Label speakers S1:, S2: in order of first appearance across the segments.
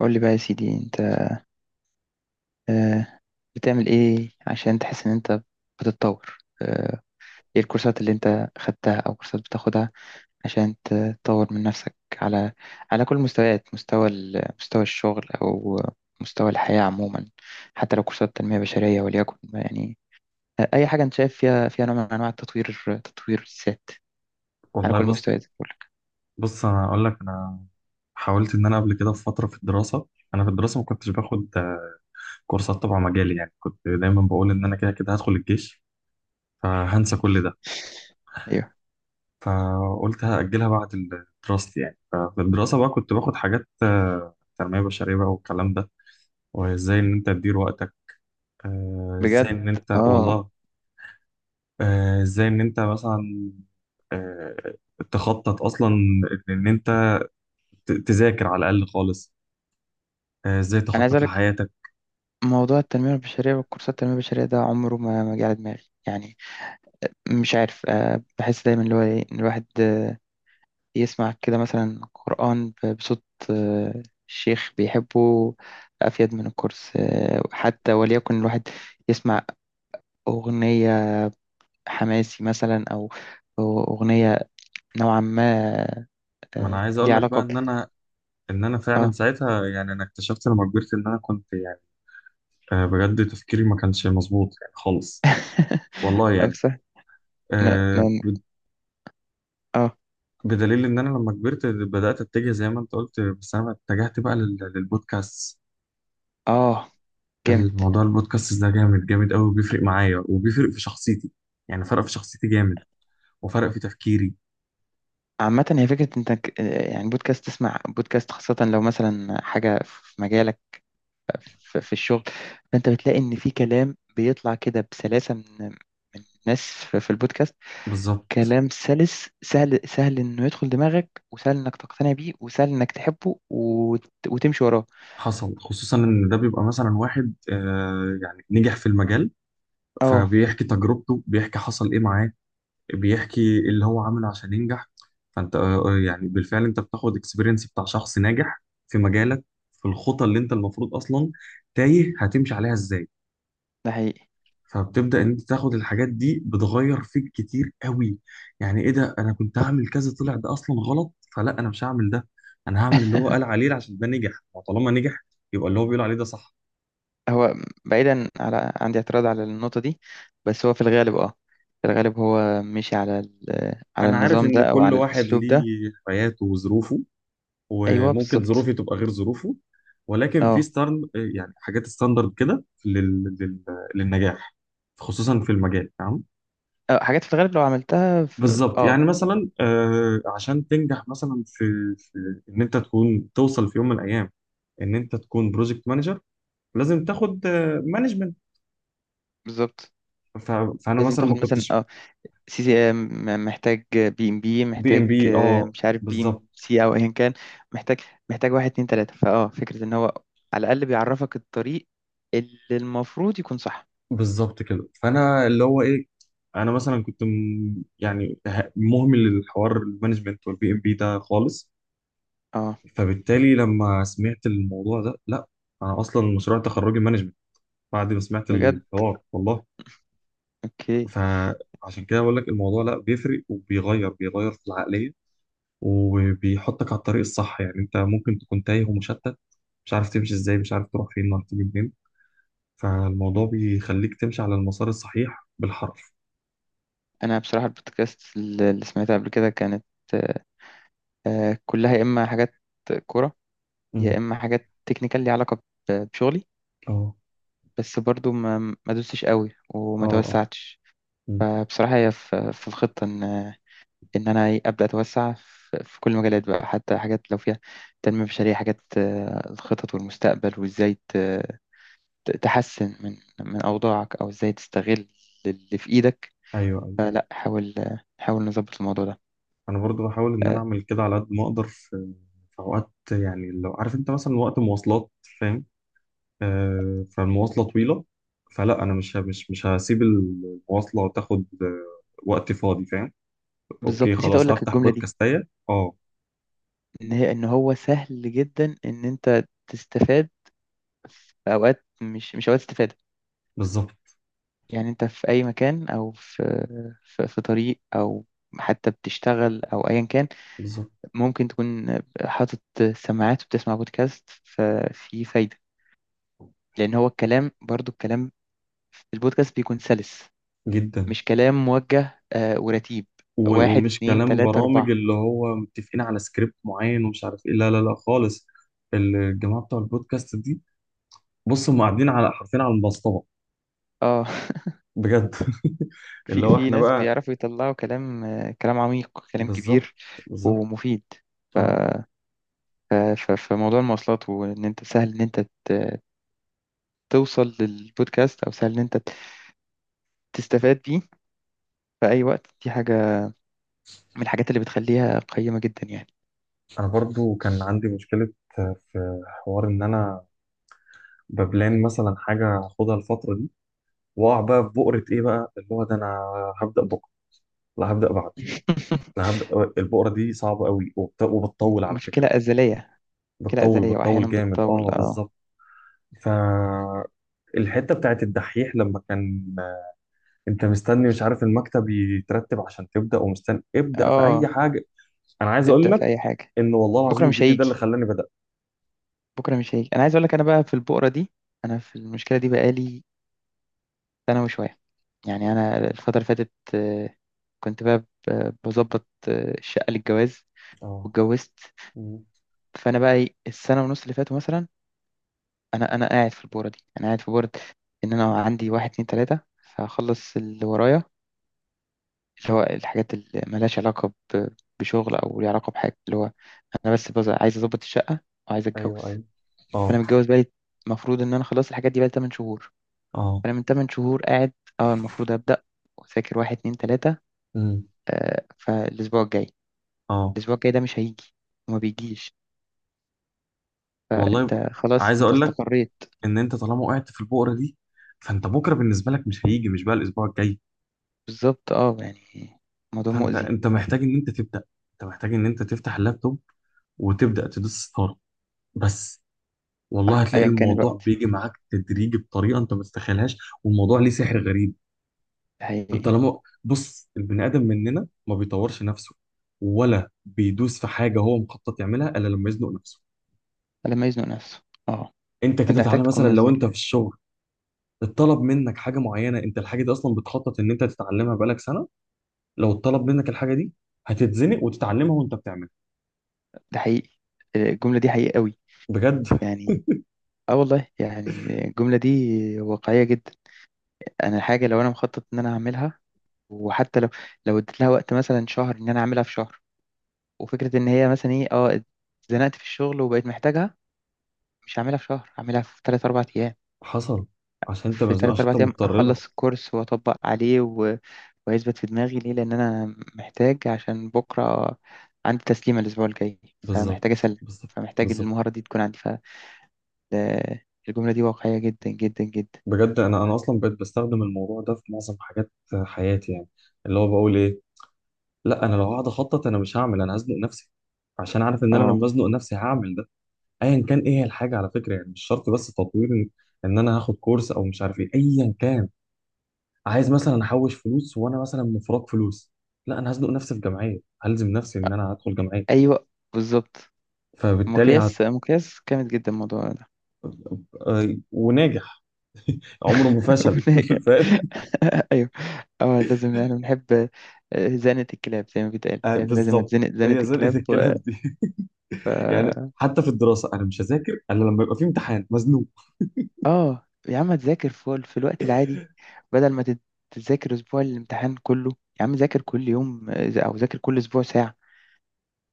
S1: قول لي بقى يا سيدي انت، آه، بتعمل ايه عشان تحس ان انت بتتطور؟ ايه الكورسات اللي انت خدتها او كورسات بتاخدها عشان تطور من نفسك على كل المستويات، مستوى مستوى الشغل او مستوى الحياة عموما، حتى لو كورسات تنمية بشرية وليكن يعني. اي حاجة انت شايف فيها نوع من انواع التطوير، تطوير الذات على
S2: والله
S1: كل
S2: بص،
S1: المستويات بقول لك.
S2: بص انا اقول لك. انا حاولت ان انا قبل كده في فتره، في الدراسه. انا في الدراسه ما كنتش باخد كورسات تبع مجالي، يعني كنت دايما بقول ان انا كده كده هدخل الجيش، فهنسى كل ده.
S1: ايوه،
S2: فقلت هاجلها بعد دراستي. يعني ففي الدراسه بقى كنت باخد حاجات تنميه بشريه بقى والكلام ده. وازاي ان انت تدير وقتك، ازاي
S1: بجد.
S2: ان انت،
S1: اه،
S2: والله، ازاي ان انت مثلا، آه، تخطط اصلا ان إن انت تذاكر على الاقل خالص. ازاي
S1: انا عايز
S2: تخطط
S1: اقول
S2: لحياتك.
S1: موضوع التنمية البشرية والكورسات التنمية البشرية ده عمره ما جه على دماغي يعني. مش عارف، بحس دايما اللي هو إيه، إن الواحد يسمع كده مثلا قرآن بصوت شيخ بيحبه، أفيد من الكورس. حتى وليكن الواحد يسمع أغنية حماسي مثلا، أو أغنية نوعا ما
S2: ما انا عايز اقول
S1: ليها
S2: لك بقى
S1: علاقة ب...
S2: ان انا، ان انا فعلا
S1: اه.
S2: ساعتها، يعني انا اكتشفت لما كبرت ان انا كنت يعني بجد تفكيري ما كانش مظبوط يعني خالص. والله يعني
S1: أمسح. أنا
S2: آه،
S1: أنا-
S2: ب-
S1: اه.
S2: بدليل ان انا لما كبرت بدات اتجه زي ما انت قلت، بس انا اتجهت بقى للبودكاست.
S1: اه، جامد.
S2: الموضوع البودكاست ده جامد جامد قوي، بيفرق معايا وبيفرق في شخصيتي، يعني فرق في شخصيتي جامد وفرق في تفكيري.
S1: عامة هي فكرة انت يعني بودكاست، تسمع بودكاست خاصة لو مثلا حاجة في مجالك، في الشغل، فانت بتلاقي ان في كلام بيطلع كده بسلاسة من الناس في البودكاست.
S2: بالظبط.
S1: كلام سلس، سهل انه يدخل دماغك، وسهل انك تقتنع بيه، وسهل انك تحبه وتمشي وراه.
S2: حصل، خصوصا ان ده بيبقى مثلا واحد يعني نجح في المجال،
S1: اه،
S2: فبيحكي تجربته، بيحكي حصل ايه معاه، بيحكي اللي هو عمله عشان ينجح. فانت يعني بالفعل انت بتاخد اكسبيرينس بتاع شخص ناجح في مجالك، في الخطى اللي انت المفروض اصلا تايه هتمشي عليها ازاي.
S1: ده حقيقي.
S2: فبتبدأ ان انت تاخد الحاجات دي، بتغير فيك كتير قوي. يعني ايه ده، انا كنت هعمل كذا، طلع ده اصلا غلط، فلا انا مش هعمل ده. انا هعمل اللي هو قال عليه عشان ده نجح، وطالما نجح يبقى اللي هو بيقول عليه ده صح.
S1: هو بعيدا، على عندي اعتراض على النقطة دي، بس هو في الغالب اه، في الغالب هو مشي على على
S2: انا عارف
S1: النظام
S2: ان
S1: ده او
S2: كل
S1: على
S2: واحد
S1: الاسلوب ده.
S2: ليه حياته وظروفه،
S1: ايوه،
S2: وممكن
S1: بالظبط.
S2: ظروفي تبقى غير ظروفه، ولكن في
S1: اه،
S2: ستارن، يعني حاجات ستاندرد كده لل... لل... للنجاح، خصوصا في المجال. تمام،
S1: اه، حاجات في الغالب لو عملتها في...
S2: بالظبط.
S1: اه.
S2: يعني مثلا عشان تنجح مثلا في ان انت تكون توصل في يوم من الايام ان انت تكون بروجكت مانجر، لازم تاخد مانجمنت.
S1: بالظبط،
S2: فانا
S1: لازم
S2: مثلا
S1: تاخد
S2: ما
S1: مثلا
S2: كنتش.
S1: اه سي سي ام، محتاج بي ام بي،
S2: بي ام
S1: محتاج،
S2: بي، اه،
S1: مش عارف، بي
S2: بالظبط.
S1: ام سي او ايا كان. محتاج، محتاج واحد اتنين تلاتة، فاه فكرة ان هو على الأقل بيعرفك الطريق اللي المفروض يكون صح.
S2: بالظبط كده، فانا اللي هو ايه، انا مثلا كنت يعني مهمل للحوار المانجمنت والبي ام بي ده خالص.
S1: اه،
S2: فبالتالي لما سمعت الموضوع ده، لا، انا اصلا مشروع تخرجي مانجمنت بعد ما سمعت
S1: بجد.
S2: الحوار، والله.
S1: اوكي.
S2: فعشان كده بقول لك الموضوع لا، بيفرق وبيغير في العقليه، وبيحطك على الطريق الصح. يعني انت ممكن تكون تايه ومشتت، مش عارف تمشي ازاي، مش عارف تروح فين ولا تيجي منين، فالموضوع بيخليك تمشي على المسار الصحيح بالحرف.
S1: انا بصراحة البودكاست اللي سمعتها قبل كده كانت آه، كلها يا اما حاجات كورة، يا
S2: امم.
S1: اما حاجات تكنيكال ليها علاقة بشغلي.
S2: اه،
S1: بس برضو ما دوستش قوي
S2: اه،
S1: وما
S2: اه.
S1: توسعتش.
S2: مم.
S1: فبصراحة هي في الخطة إن إن أنا إيه، أبدأ أتوسع في كل المجالات بقى، حتى حاجات لو فيها تنمية بشرية، حاجات الخطط والمستقبل وإزاي تحسن من أوضاعك، أو إزاي تستغل اللي في إيدك.
S2: ايوه، ايوه.
S1: لا، حاول، حاول نظبط الموضوع ده.
S2: انا برضو بحاول ان انا
S1: آه،
S2: اعمل كده على قد ما اقدر. في في اوقات يعني لو عارف انت مثلا وقت مواصلات، فاهم، فالمواصلة طويلة، فلا أنا مش ه- مش مش هسيب المواصلة تاخد وقت فاضي، فاهم. أوكي
S1: بالظبط، نسيت أقول
S2: خلاص،
S1: لك
S2: هفتح
S1: الجملة دي،
S2: بودكاستاية. أه،
S1: إن هي إن هو سهل جدا إن أنت تستفاد في أوقات مش أوقات استفادة.
S2: بالظبط،
S1: يعني أنت في أي مكان، أو في في طريق، أو حتى بتشتغل أو أيا كان،
S2: بالظبط.
S1: ممكن تكون حاطط سماعات وبتسمع بودكاست، ففي فايدة. لأن هو الكلام، برضو في البودكاست بيكون سلس،
S2: جدا.
S1: مش كلام موجه ورتيب. واحد
S2: ومش
S1: اتنين
S2: كلام
S1: تلاتة
S2: برامج
S1: أربعة.
S2: اللي هو متفقين على سكريبت معين ومش عارف إيه، لا لا لا خالص. الجماعة بتوع البودكاست دي، بص، هم قاعدين على حرفين على المسطرة.
S1: اه.
S2: بجد
S1: في
S2: اللي هو إحنا
S1: ناس
S2: بقى.
S1: بيعرفوا يطلعوا كلام، كلام عميق، كلام
S2: بالظبط،
S1: كبير
S2: بالظبط.
S1: ومفيد.
S2: أه.
S1: فموضوع المواصلات، وإن أنت سهل إن أنت توصل للبودكاست، أو سهل إن أنت تستفاد بيه في أي وقت، دي حاجة من الحاجات اللي بتخليها قيمة جدا يعني.
S2: أنا برضو كان عندي مشكلة، في حوار إن أنا ببلان مثلا حاجة هاخدها الفترة دي، وأقع بقى في بؤرة إيه بقى، اللي هو ده أنا هبدأ بكرة، لا هبدأ بعده، لا هبدأ. البؤرة دي صعبة قوي، وبتطول على
S1: مشكلة
S2: فكرة.
S1: أزلية. مشكلة
S2: بتطول،
S1: أزلية،
S2: بتطول
S1: وأحيانا
S2: جامد،
S1: بتطول.
S2: أه،
S1: اه.
S2: بالظبط. فالحتة بتاعت الدحيح لما كان أنت مستني مش عارف المكتب يترتب عشان تبدأ، ومستني ابدأ في أي
S1: اه،
S2: حاجة. أنا عايز أقول
S1: ابدأ
S2: لك
S1: في أي حاجة.
S2: إن والله
S1: بكرة
S2: العظيم
S1: مش
S2: الفيديو ده اللي
S1: هيجي،
S2: خلاني بدأت.
S1: بكرة مش هيجي. أنا عايز أقول لك أنا بقى في البؤرة دي، أنا في المشكلة دي بقالي سنة وشوية يعني. أنا الفترة اللي فاتت كنت بقى بظبط الشقة للجواز
S2: أه.
S1: واتجوزت.
S2: مم.
S1: فأنا بقى إيه، السنة ونص اللي فاتوا مثلا، أنا قاعد في البؤرة دي، أنا قاعد في بؤرة إن أنا عندي واحد اتنين تلاتة هخلص اللي ورايا، اللي هو الحاجات اللي ملهاش علاقة بشغل، أو ليها علاقة بحاجة اللي هو أنا بس عايز أظبط الشقة وعايز أتجوز.
S2: أيوه، أيوه.
S1: فأنا
S2: أه،
S1: متجوز بقالي، المفروض إن أنا خلاص الحاجات دي بقالي 8 شهور.
S2: أه.
S1: فأنا من 8 شهور قاعد، أه المفروض أبدأ وأذاكر واحد اتنين تلاتة.
S2: مم.
S1: آه، فالأسبوع الجاي،
S2: أه،
S1: الأسبوع الجاي ده مش هيجي، وما بيجيش.
S2: والله، ب...
S1: فأنت خلاص،
S2: عايز
S1: أنت
S2: أقول لك
S1: استقريت.
S2: ان انت طالما وقعت في البؤره دي، فانت بكره بالنسبه لك مش هيجي، مش بقى الاسبوع الجاي.
S1: بالظبط، أه يعني موضوع
S2: فانت،
S1: مؤذي.
S2: انت محتاج ان انت تبدا، انت محتاج ان انت تفتح اللابتوب وتبدا تدوس ستارت بس. والله
S1: صح،
S2: هتلاقي
S1: أيا كان
S2: الموضوع
S1: الوقت.
S2: بيجي معاك تدريجي بطريقه انت ما تتخيلهاش، والموضوع ليه سحر غريب.
S1: ده حقيقي.
S2: انت لما بص، البني ادم مننا ما بيطورش نفسه ولا بيدوس في حاجه هو مخطط يعملها الا لما يزنق نفسه.
S1: لما يزنق نفسه، أه.
S2: انت
S1: فأنت
S2: كده
S1: محتاج
S2: تعالى
S1: تكون
S2: مثلا، لو
S1: مزنوق.
S2: انت في الشغل اتطلب منك حاجه معينه، انت الحاجه دي اصلا بتخطط ان انت تتعلمها بقالك سنه، لو اتطلب منك الحاجه دي هتتزنق وتتعلمها وانت بتعملها.
S1: ده حقيقي، الجملة دي حقيقية قوي.
S2: بجد.
S1: يعني اه، والله يعني الجملة دي واقعية جدا. انا حاجة لو انا مخطط ان انا اعملها، وحتى لو اديت لها وقت مثلا شهر، ان انا اعملها في شهر، وفكرة ان هي مثلا ايه اه اتزنقت في الشغل وبقيت محتاجها، مش هعملها في شهر، هعملها في 3 4 ايام.
S2: حصل. عشان انت
S1: في
S2: مزنوق،
S1: 3
S2: عشان انت
S1: 4 ايام
S2: مضطر لها.
S1: اخلص الكورس واطبق عليه، و... ويثبت في دماغي ليه؟ لان انا محتاج، عشان بكرة عندي تسليمة الاسبوع الجاي،
S2: بالظبط،
S1: فمحتاج اسلم،
S2: بالظبط،
S1: فمحتاج
S2: بالظبط.
S1: المهارة دي تكون عندي. فالجملة دي واقعية جدا جدا جدا.
S2: بجد، انا انا اصلا بقيت بستخدم الموضوع ده في معظم حاجات حياتي، يعني اللي هو بقول ايه، لا انا لو هقعد اخطط انا مش هعمل، انا هزنق نفسي، عشان عارف ان انا
S1: اه.
S2: لما ازنق نفسي هعمل ده، ايا كان ايه هي الحاجه، على فكره. يعني مش شرط بس تطوير، ان إن انا هاخد كورس او مش عارف ايه، ايا كان. عايز مثلا احوش فلوس وانا مثلا مفرط فلوس، لا انا هزنق نفسي في جمعيه، هلزم نفسي ان انا هدخل جمعيه.
S1: ايوه بالظبط.
S2: فبالتالي هت...
S1: مقياس جامد جدا الموضوع ده.
S2: وناجح، عمره ما فشل
S1: وناجح.
S2: فاهم.
S1: ايوه. اه، لازم يعني بنحب زنة الكلاب زي ما بيتقال، يعني لازم
S2: بالظبط،
S1: اتزنق زنة
S2: هي زنقه
S1: الكلاب، و...
S2: الكلام دي
S1: ف...
S2: يعني حتى في الدراسه انا مش هذاكر الا لما يبقى في امتحان مزنوق.
S1: اه، يا عم تذاكر في الوقت العادي، بدل ما تذاكر اسبوع الامتحان كله. يا عم ذاكر كل يوم، او ذاكر كل اسبوع ساعة.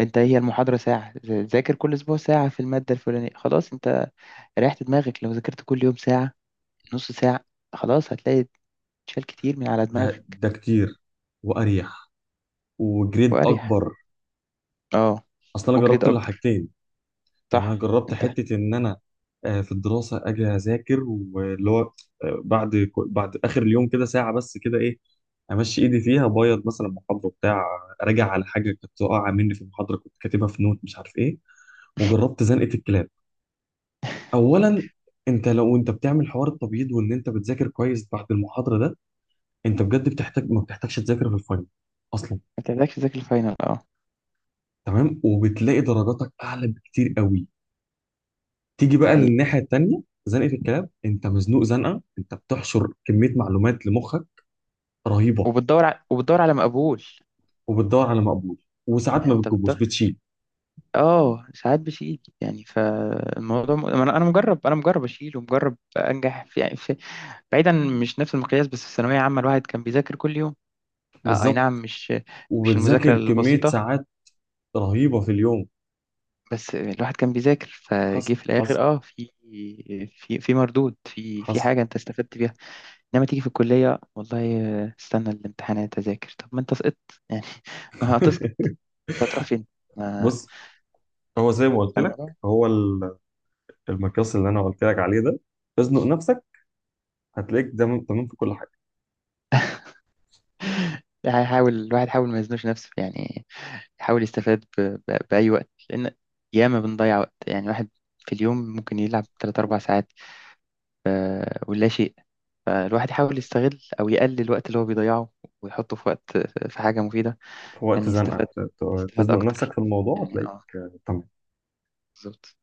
S1: انت إيه هي المحاضرة؟ ساعة. ذاكر كل اسبوع ساعة في المادة الفلانية، خلاص انت ريحت دماغك. لو ذاكرت كل يوم ساعة، نص ساعة، خلاص هتلاقي شال كتير من على
S2: ده
S1: دماغك.
S2: ده كتير واريح وجريد
S1: وأريح،
S2: اكبر.
S1: اه،
S2: اصل انا
S1: وجريد
S2: جربت
S1: أكبر.
S2: الحاجتين. يعني انا
S1: صح،
S2: جربت
S1: انت ما
S2: حته ان انا في الدراسه اجي اذاكر واللي هو بعد بعد اخر اليوم كده ساعه بس كده ايه، امشي ايدي فيها ابيض مثلا محاضره بتاع، راجع على حاجه كانت واقعه مني في المحاضره كنت كاتبها في نوت مش عارف ايه. وجربت زنقه الكلاب. اولا، انت لو انت بتعمل حوار التبييض وان انت بتذاكر كويس بعد المحاضره ده، انت بجد بتحتاج، ما بتحتاجش تذاكر في الفاينل اصلا.
S1: بتحتاجش تذاكر الفاينل، اه.
S2: تمام. وبتلاقي درجاتك اعلى بكتير قوي. تيجي
S1: ده
S2: بقى
S1: حقيقي.
S2: للناحية التانية، زنقة الكلاب، انت مزنوق زنقة، انت بتحشر كمية معلومات لمخك رهيبة،
S1: وبتدور ع... وبتدور على مقبول.
S2: وبتدور على مقبول، وساعات
S1: يعني
S2: ما
S1: انت
S2: بتجيبوش
S1: بتدور،
S2: بتشيل.
S1: اه ساعات بشيل، يعني فالموضوع م... أنا مجرب، انا مجرب اشيل ومجرب انجح في... يعني في... بعيدا، مش نفس المقياس، بس في ثانوية عامة الواحد كان بيذاكر كل يوم، آه، اي نعم،
S2: بالظبط.
S1: مش المذاكرة
S2: وبتذاكر كمية
S1: البسيطة.
S2: ساعات رهيبة في اليوم.
S1: بس الواحد كان بيذاكر
S2: حصل،
S1: فجه، في الاخر
S2: حصل،
S1: اه في في مردود، في
S2: حصل
S1: حاجة انت استفدت بيها. انما تيجي في الكليه، والله استنى الامتحانات اذاكر، طب ما انت سقطت يعني. ما هتسقط؟ هتروح فين؟ ما
S2: بص، هو زي ما قلت لك،
S1: الموضوع،
S2: هو المقياس اللي انا قلت لك عليه ده، تزنق نفسك، هتلاقيك تمام، تمام في كل حاجة.
S1: هيحاول الواحد، يحاول ما يزنوش نفسه يعني، يحاول يستفاد ب... ب... باي وقت. لان ياما بنضيع وقت، يعني الواحد في اليوم ممكن يلعب 3 4 ساعات، ولا شيء. فالواحد يحاول يستغل او يقلل الوقت اللي هو بيضيعه، ويحطه في وقت، في حاجه مفيده،
S2: في
S1: عشان
S2: وقت زنقة،
S1: يستفاد، يستفاد
S2: تزنق نفسك
S1: اكتر
S2: في الموضوع
S1: يعني.
S2: هتلاقيك
S1: اه،
S2: تمام.
S1: بالظبط.